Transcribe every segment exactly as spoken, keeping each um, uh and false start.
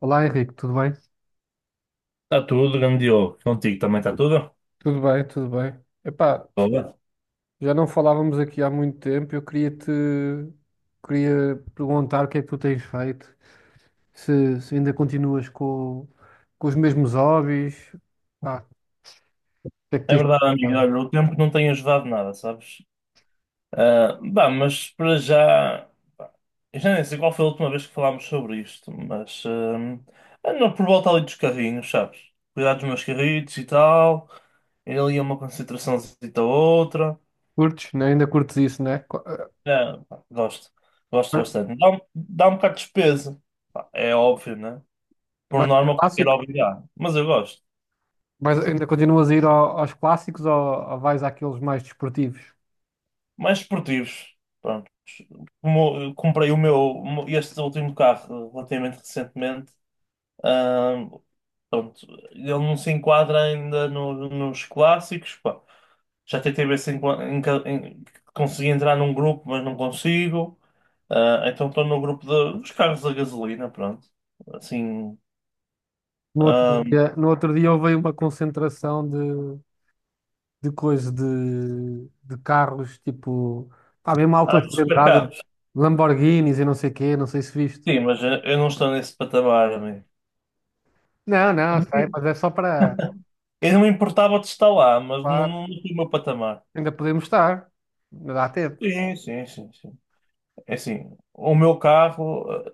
Olá Henrique, tudo bem? Está tudo, grande Diogo. Contigo também está tudo? Tudo bem, tudo bem. Epá, Boa. já não falávamos aqui há muito tempo. Eu queria-te queria perguntar o que é que tu tens feito, se, se ainda continuas com, com os mesmos hobbies, pá, o que é que É tens verdade, amigo. feito? Olha, o tempo não tem ajudado nada, sabes? Ah, bah, mas para já. Pá, eu já nem sei qual foi a última vez que falámos sobre isto, mas ah, ando por volta ali dos carrinhos, sabes? Cuidar dos meus carritos e tal. Ir ali a uma concentraçãozinha a outra. Curtes, né? Ainda curtes isso, né? Co- eh, É, pá, gosto. Gosto bastante. Dá um, dá um bocado de despesa. Pá, é óbvio, né? Mais Por aos norma, qualquer clássicos? hobby dá. Mas eu gosto. Mas ainda continuas a ir ao- aos clássicos ou, ou vais àqueles mais desportivos? Mais esportivos. Pronto. Como eu comprei o meu, este último carro relativamente recentemente, ahm, pronto, ele não se enquadra ainda no- nos clássicos. Pá. Já tentei ver se enqua- enca- em- consegui entrar num grupo, mas não consigo. Ah, então estou no grupo de- dos carros a gasolina, pronto. Assim, No outro ahm, dia, no outro dia houve aí uma concentração de de coisa de, de carros, tipo, pá, mesmo há alta de cilindrada, supercarros. Lamborghinis e não sei quê, não sei se viste. Sim, mas eu eu não estou nesse patamar, amigo. Não, não, sei, mas é só para, Eu não me importava de estar lá, mas não, claro, não, estou no meu patamar. ainda podemos estar, ainda dá tempo. Sim, sim, sim, sim. É assim, o meu carro eh,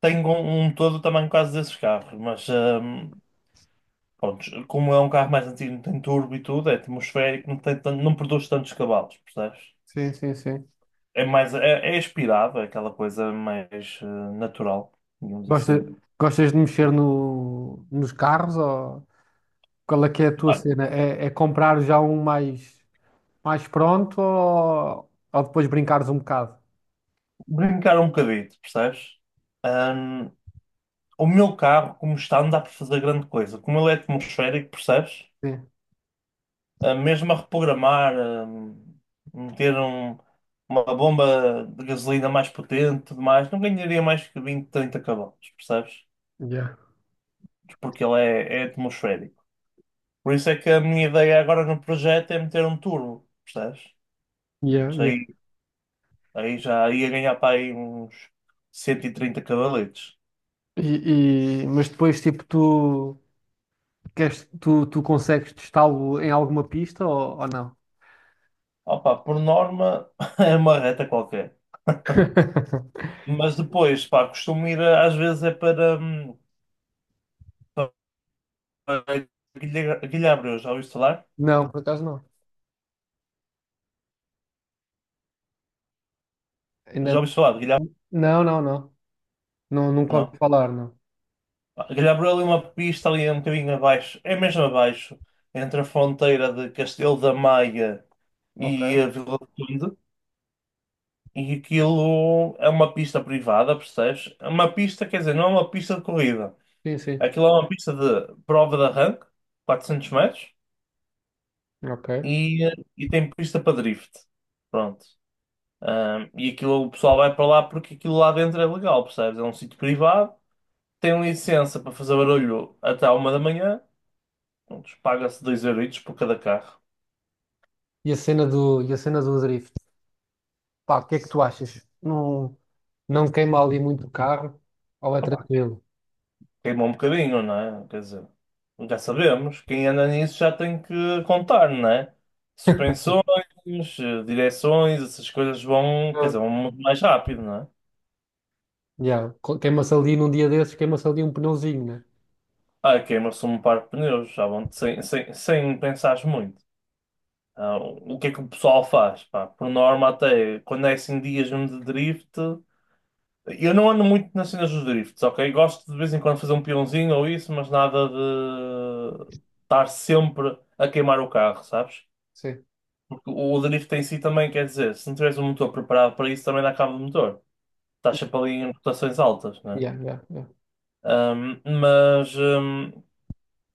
tem um, um todo também quase desses carros, mas ehm, pronto, como é um carro mais antigo, não tem turbo e tudo, é atmosférico, não tem tan- não produz tantos cavalos, percebes? Sim, sim, sim. É mais, é, é aspirado, é aquela coisa mais eh, natural, digamos Gosta, assim. gostas de mexer no, nos carros ou qual é que é a tua Ah, cena? É, é comprar já um mais, mais pronto ou, ou depois brincares um bocado? brincar um bocadito, percebes? Ahm, o meu carro, como está, não dá para fazer grande coisa. Como ele é atmosférico, percebes? Sim. Ah, mesmo a reprogramar, ah, meter um- uma bomba de gasolina mais potente, e tudo mais, não ganharia mais que vinte, trinta cavalos, percebes? Yeah. Porque ele é, é atmosférico. Por isso é que a minha ideia agora no projeto é meter um turbo, percebes? Yeah, Isso. yeah. Aí, aí já ia ganhar para aí uns cento e trinta cavaletes. E, e- mas depois, tipo, tu Queres, tu, tu consegues testá-lo em alguma pista ou, ou não? Opa, por norma é uma reta qualquer. Mas depois, pá, costumo ir às vezes é para, hum, para Guilha- Guilhabreus, já ouviste falar? Não, por acaso não. Já Ainda... ouvi falar de Guilherme? Não, não, não. Não, nunca ouvi Não. falar, não. Ah, Guilherme ali é uma pista ali um bocadinho abaixo, é mesmo abaixo, entre a fronteira de Castelo da Maia e Ok. a Vila do Conde. E aquilo é uma pista privada, percebes? É uma pista, quer dizer, não é uma pista de corrida. Sim, sim. Aquilo é uma pista de prova de arranque, quatrocentos metros, Ok. e, eh, e tem pista para drift. Pronto. Ah, e aquilo o pessoal vai para lá porque aquilo lá dentro é legal, percebes? É um sítio privado, tem licença para fazer barulho até à uma da manhã. Prontos, paga-se dois euritos por cada carro. E a cena do, e a cena do drift? Pá, o que é que tu achas? Não, não queima ali muito o carro ou é Opa, tranquilo? queima um bocadinho, não é? Quer dizer, já sabemos, quem anda nisso já tem que contar, não é? Suspensões, eh, direções, essas coisas vão, quer Pois. dizer, vão muito mais rápido, não é? Yeah. Co- Queima-se ali num dia desses, queima-se ali um pneuzinho, né? Ah, queima-se um par de pneus, já vão sem, sem, sem pensares muito. Ah, o que é que o pessoal faz? Pá, por norma, até quando é assim dias mesmo de drift. Eu não ando muito nas cenas dos drifts, ok? Gosto de vez em quando fazer um peãozinho ou isso, mas nada de estar sempre a queimar o carro, sabes? Sim. Porque o drift em si também quer dizer, se não tiveres um motor preparado para isso, também dá cabo do motor. Estás sempre ali em rotações altas, né? Yeah, yeah, yeah. Ahm, mas ahm,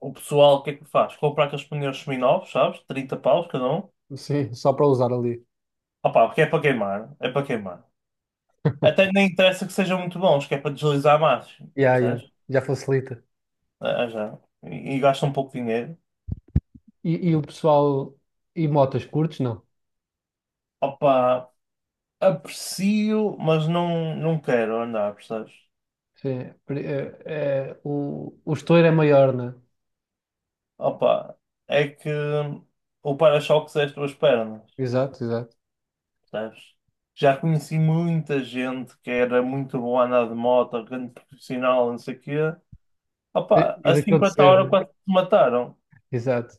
o pessoal, o que é que faz? Comprar aqueles pneus seminovos, sabes? Trinta paus cada um. Sim, só para usar ali. Opa, porque é para queimar, é para queimar. Até nem interessa que sejam muito bons, que é para deslizar mais, Yeah, yeah. percebes? Já facilita. Ah, já. E, e gasta um pouco de dinheiro. E, e o pessoal, e motas curtes, não? Opa, aprecio, mas não, não quero andar, percebes? Sim, pri- eh, eh, o, o estouro é maior, né? Opa, é que o para-choques é as tuas pernas, Exato, exato. percebes? Já conheci muita gente que era muito boa a andar de moto, grande profissional, não sei o quê. Diz Opa, diz a aquilo de cinquenta ser, horas né? quase que te mataram. Exato,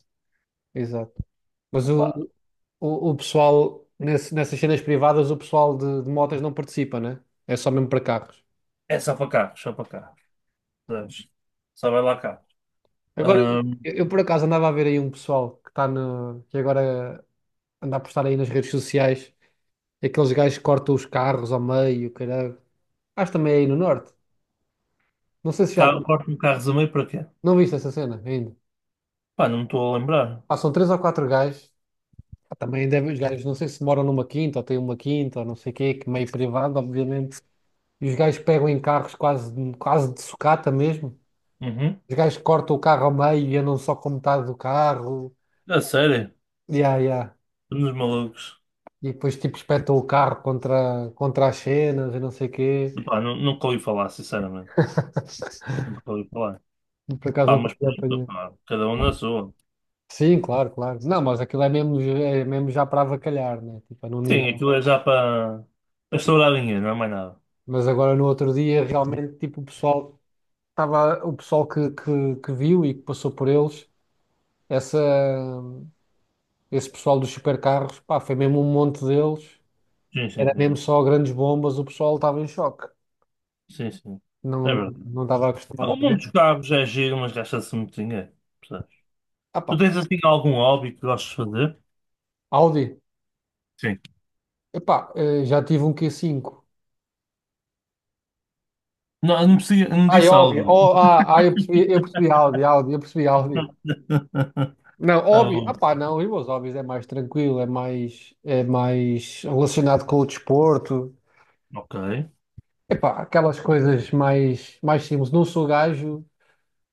exato. Mas o, Opa, o, o pessoal, nesse- nessas cenas privadas, o pessoal de, de motas não participa, né? É só mesmo para carros. é só para carros, só para carros, percebes? Só vai lá carros. Agora, Ahm, eu, eu por acaso andava a ver aí um pessoal que está no, que agora anda a postar aí nas redes sociais, aqueles gajos que cortam os carros ao meio, caralho. Acho também é aí no norte. Não sei se já vi, Carro, corto-me carros a meio para quê? não viste essa cena ainda. Pá, não me estou a lembrar. Passam três ou quatro gajos. Pá, também deve, os gajos, não sei se moram numa quinta ou têm uma quinta ou não sei o quê, que meio privado, obviamente. E os gajos pegam em carros quase, quase de sucata mesmo. Uhum. Os gajos cortam o carro ao meio e andam só com metade do carro. A sério, Yeah, yeah. somos malucos. E depois tipo espetam o carro contra, contra as cenas e não sei o quê. Pá, nu- nunca ouvi falar, sinceramente. Nunca ouvi falar. Por acaso Pá, não mas tenho pronto, apanhado. pá, cada um na sua. Sim, claro, claro. Não, mas aquilo é mesmo, é mesmo já para avacalhar, né? Tipo, é num Sim, nível. aquilo é já para para estourar dinheiro, não é mais nada. Mas agora no outro dia realmente tipo o pessoal estava o pessoal que, que, que viu e que passou por eles essa, esse pessoal dos supercarros, pá, foi mesmo um monte deles, Sim, sim, era sim. mesmo só grandes bombas, o pessoal estava em choque, Sim, sim. não, É não, verdade. não estava Pá, acostumado o a mundo ver. dos carros é giro, mas gasta-se muito dinheiro. Percebes? Ah, Tu pá, tens assim algum hobby que gostes de fazer? Audi, Sim. epá, eh, já tive um Q cinco. Não, não, precisa, não Ah, é disse algo. Óbvio, oh, ah, ah, eu percebi, eu percebi Audi, Audi, eu percebi Audi. Não, Tá Óbvio, ah bom. pá, não, e os Óbvios é mais tranquilo, é mais, é mais relacionado com o desporto. Ok. Epá, aquelas coisas mais, mais simples. Não sou gajo,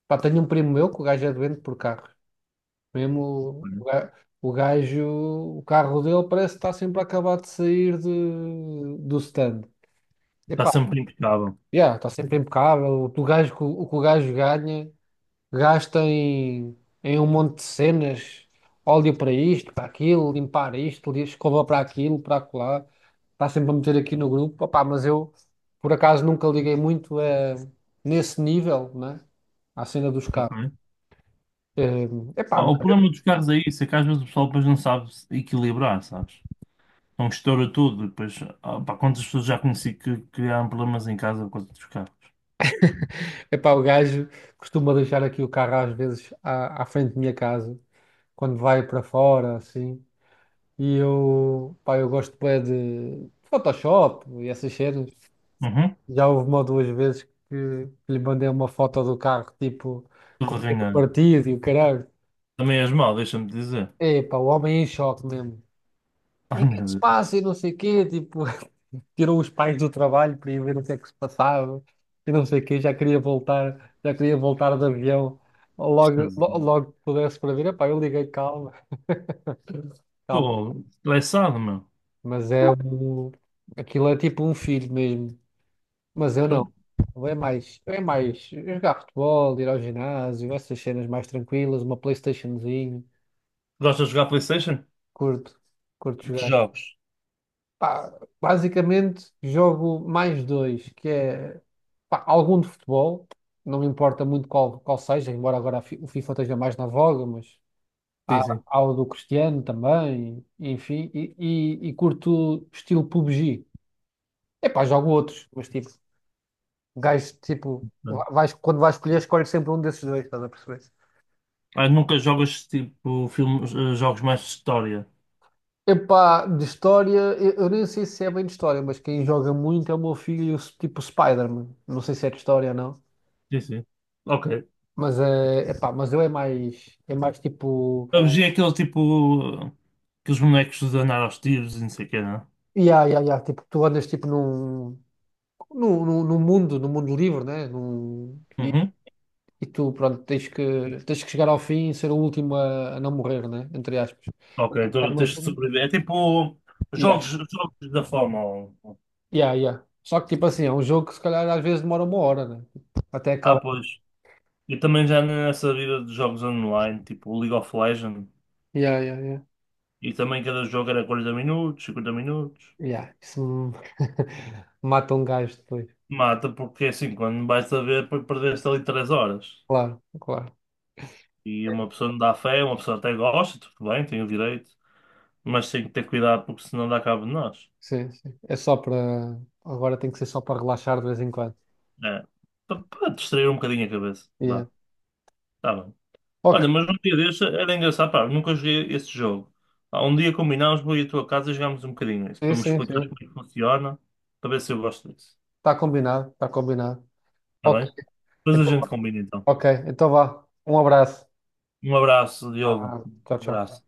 pá, tenho um primo meu que o gajo é doente por carros. Mesmo o ga- o gajo, o carro dele parece que está sempre acabado de sair de, do stand. Está Epá, sempre impecável. yeah, está sempre impecável. O que o gajo, o que o gajo ganha, gasta em, em um monte de cenas, óleo para isto, para aquilo, limpar isto, escova para aquilo, para acolá. Está sempre a meter aqui no grupo. Opá, mas eu, por acaso, nunca liguei muito a, nesse nível, né? À cena dos carros. Ok. É, epá, Pá, o problema dos carros é isso, é que às vezes o pessoal depois não sabe se equilibrar, sabes? Não estoura tudo, depois, ah, pá, quantas pessoas já conheci que criaram problemas em casa por causa dos carros? epá, o gajo costuma deixar aqui o carro às vezes à, à frente da minha casa, quando vai para fora, assim. E eu, pá, eu gosto bué de Photoshop e essas cenas. Uhum. Já houve uma ou duas vezes que, que lhe mandei uma foto do carro, tipo, com Tudo o dedo arranhado. partido e o caralho. Também és mau, deixa-me dizer. Epá, o homem é em choque mesmo. E Ai o que é meu que se Deus, passa? E não sei o quê, tipo. Tirou os pais do trabalho para ir ver o que é que se passava e não sei o quê, já queria voltar, já queria voltar de avião, logo, estás lo- logo que pudesse para vir, epá, eu liguei, calma, calma, pô, estressado, meu. mas é um, aquilo é tipo um filho mesmo, mas eu não, Pronto. Eu é mais, eu é mais jogar futebol, ir ao ginásio, essas cenas mais tranquilas, uma PlayStationzinho, Gostas de jogar PlayStation? curto, curto Que jogar. jogos? Pá, basicamente jogo mais dois, que é pá, algum de futebol, não me importa muito qual, qual seja, embora agora a fi- o FIFA esteja mais na voga, mas há, Sim, sim. há o do Cristiano também, enfim, e, e, e curto estilo P U B G. Epá, jogo outros, mas tipo, gajos, tipo, Não. va- vais, quando vais escolher, escolhes sempre um desses dois, estás a perceber? Ah, nunca jogas tipo filmes, eh, jogos mais de história. Epá, de história, eu, eu nem sei se é bem de história, mas quem joga muito é o meu filho, tipo Spider-Man. Não sei se é de história ou não. Sim, sim. Ok. Mas é, epá, mas eu é mais, é mais tipo, pabegê é aquele tipo, eh, aqueles bonecos de andar aos tiros e não sei o quê, não é? yeah, yeah, yeah, tipo, tu andas tipo num, num, num, num mundo, num mundo livre, né? Num, e, Uhum. e tu, pronto, tens que, tens que chegar ao fim e ser o último a, a não morrer, né? Entre aspas. Ok, É, então tens mas, de sobreviver. É tipo yeah, jogos, jogos da fama. Ou- yeah, yeah. Só que tipo assim, é um jogo que se calhar às vezes demora uma hora, né? Até Ah, acabar. pois. Eu também já ando nessa vida de jogos online, tipo League of Legends, Yeah, yeah, yeah. e também cada jogo era quarenta minutos, cinquenta minutos. Yeah, isso mata um gajo depois. Mata, porque é assim, quando vais a ver, per- perdeste ali três horas. Claro, claro. E uma pessoa não dá fé, uma pessoa até gosta, tudo bem, tem o direito, mas tem que ter cuidado porque senão dá cabo de nós. Sim, sim. É só para. Agora tem que ser só para relaxar de vez em quando. É. Para distrair um bocadinho a cabeça. Vá, tá bem. Ok, Olha, mas um dia deste era engraçado, pá, nunca joguei esse jogo. Pá, um dia combinámos, vou ir à tua casa e jogámos um bocadinho isso, sim, para me sim, explicar sim. como é que funciona, para ver se eu gosto disso. Está combinado, está combinado. Está Ok, bem? Depois a então, gente combina então. ok, então vá. Um abraço. Um abraço, Diogo. Ah, Um tchau, tchau. abraço.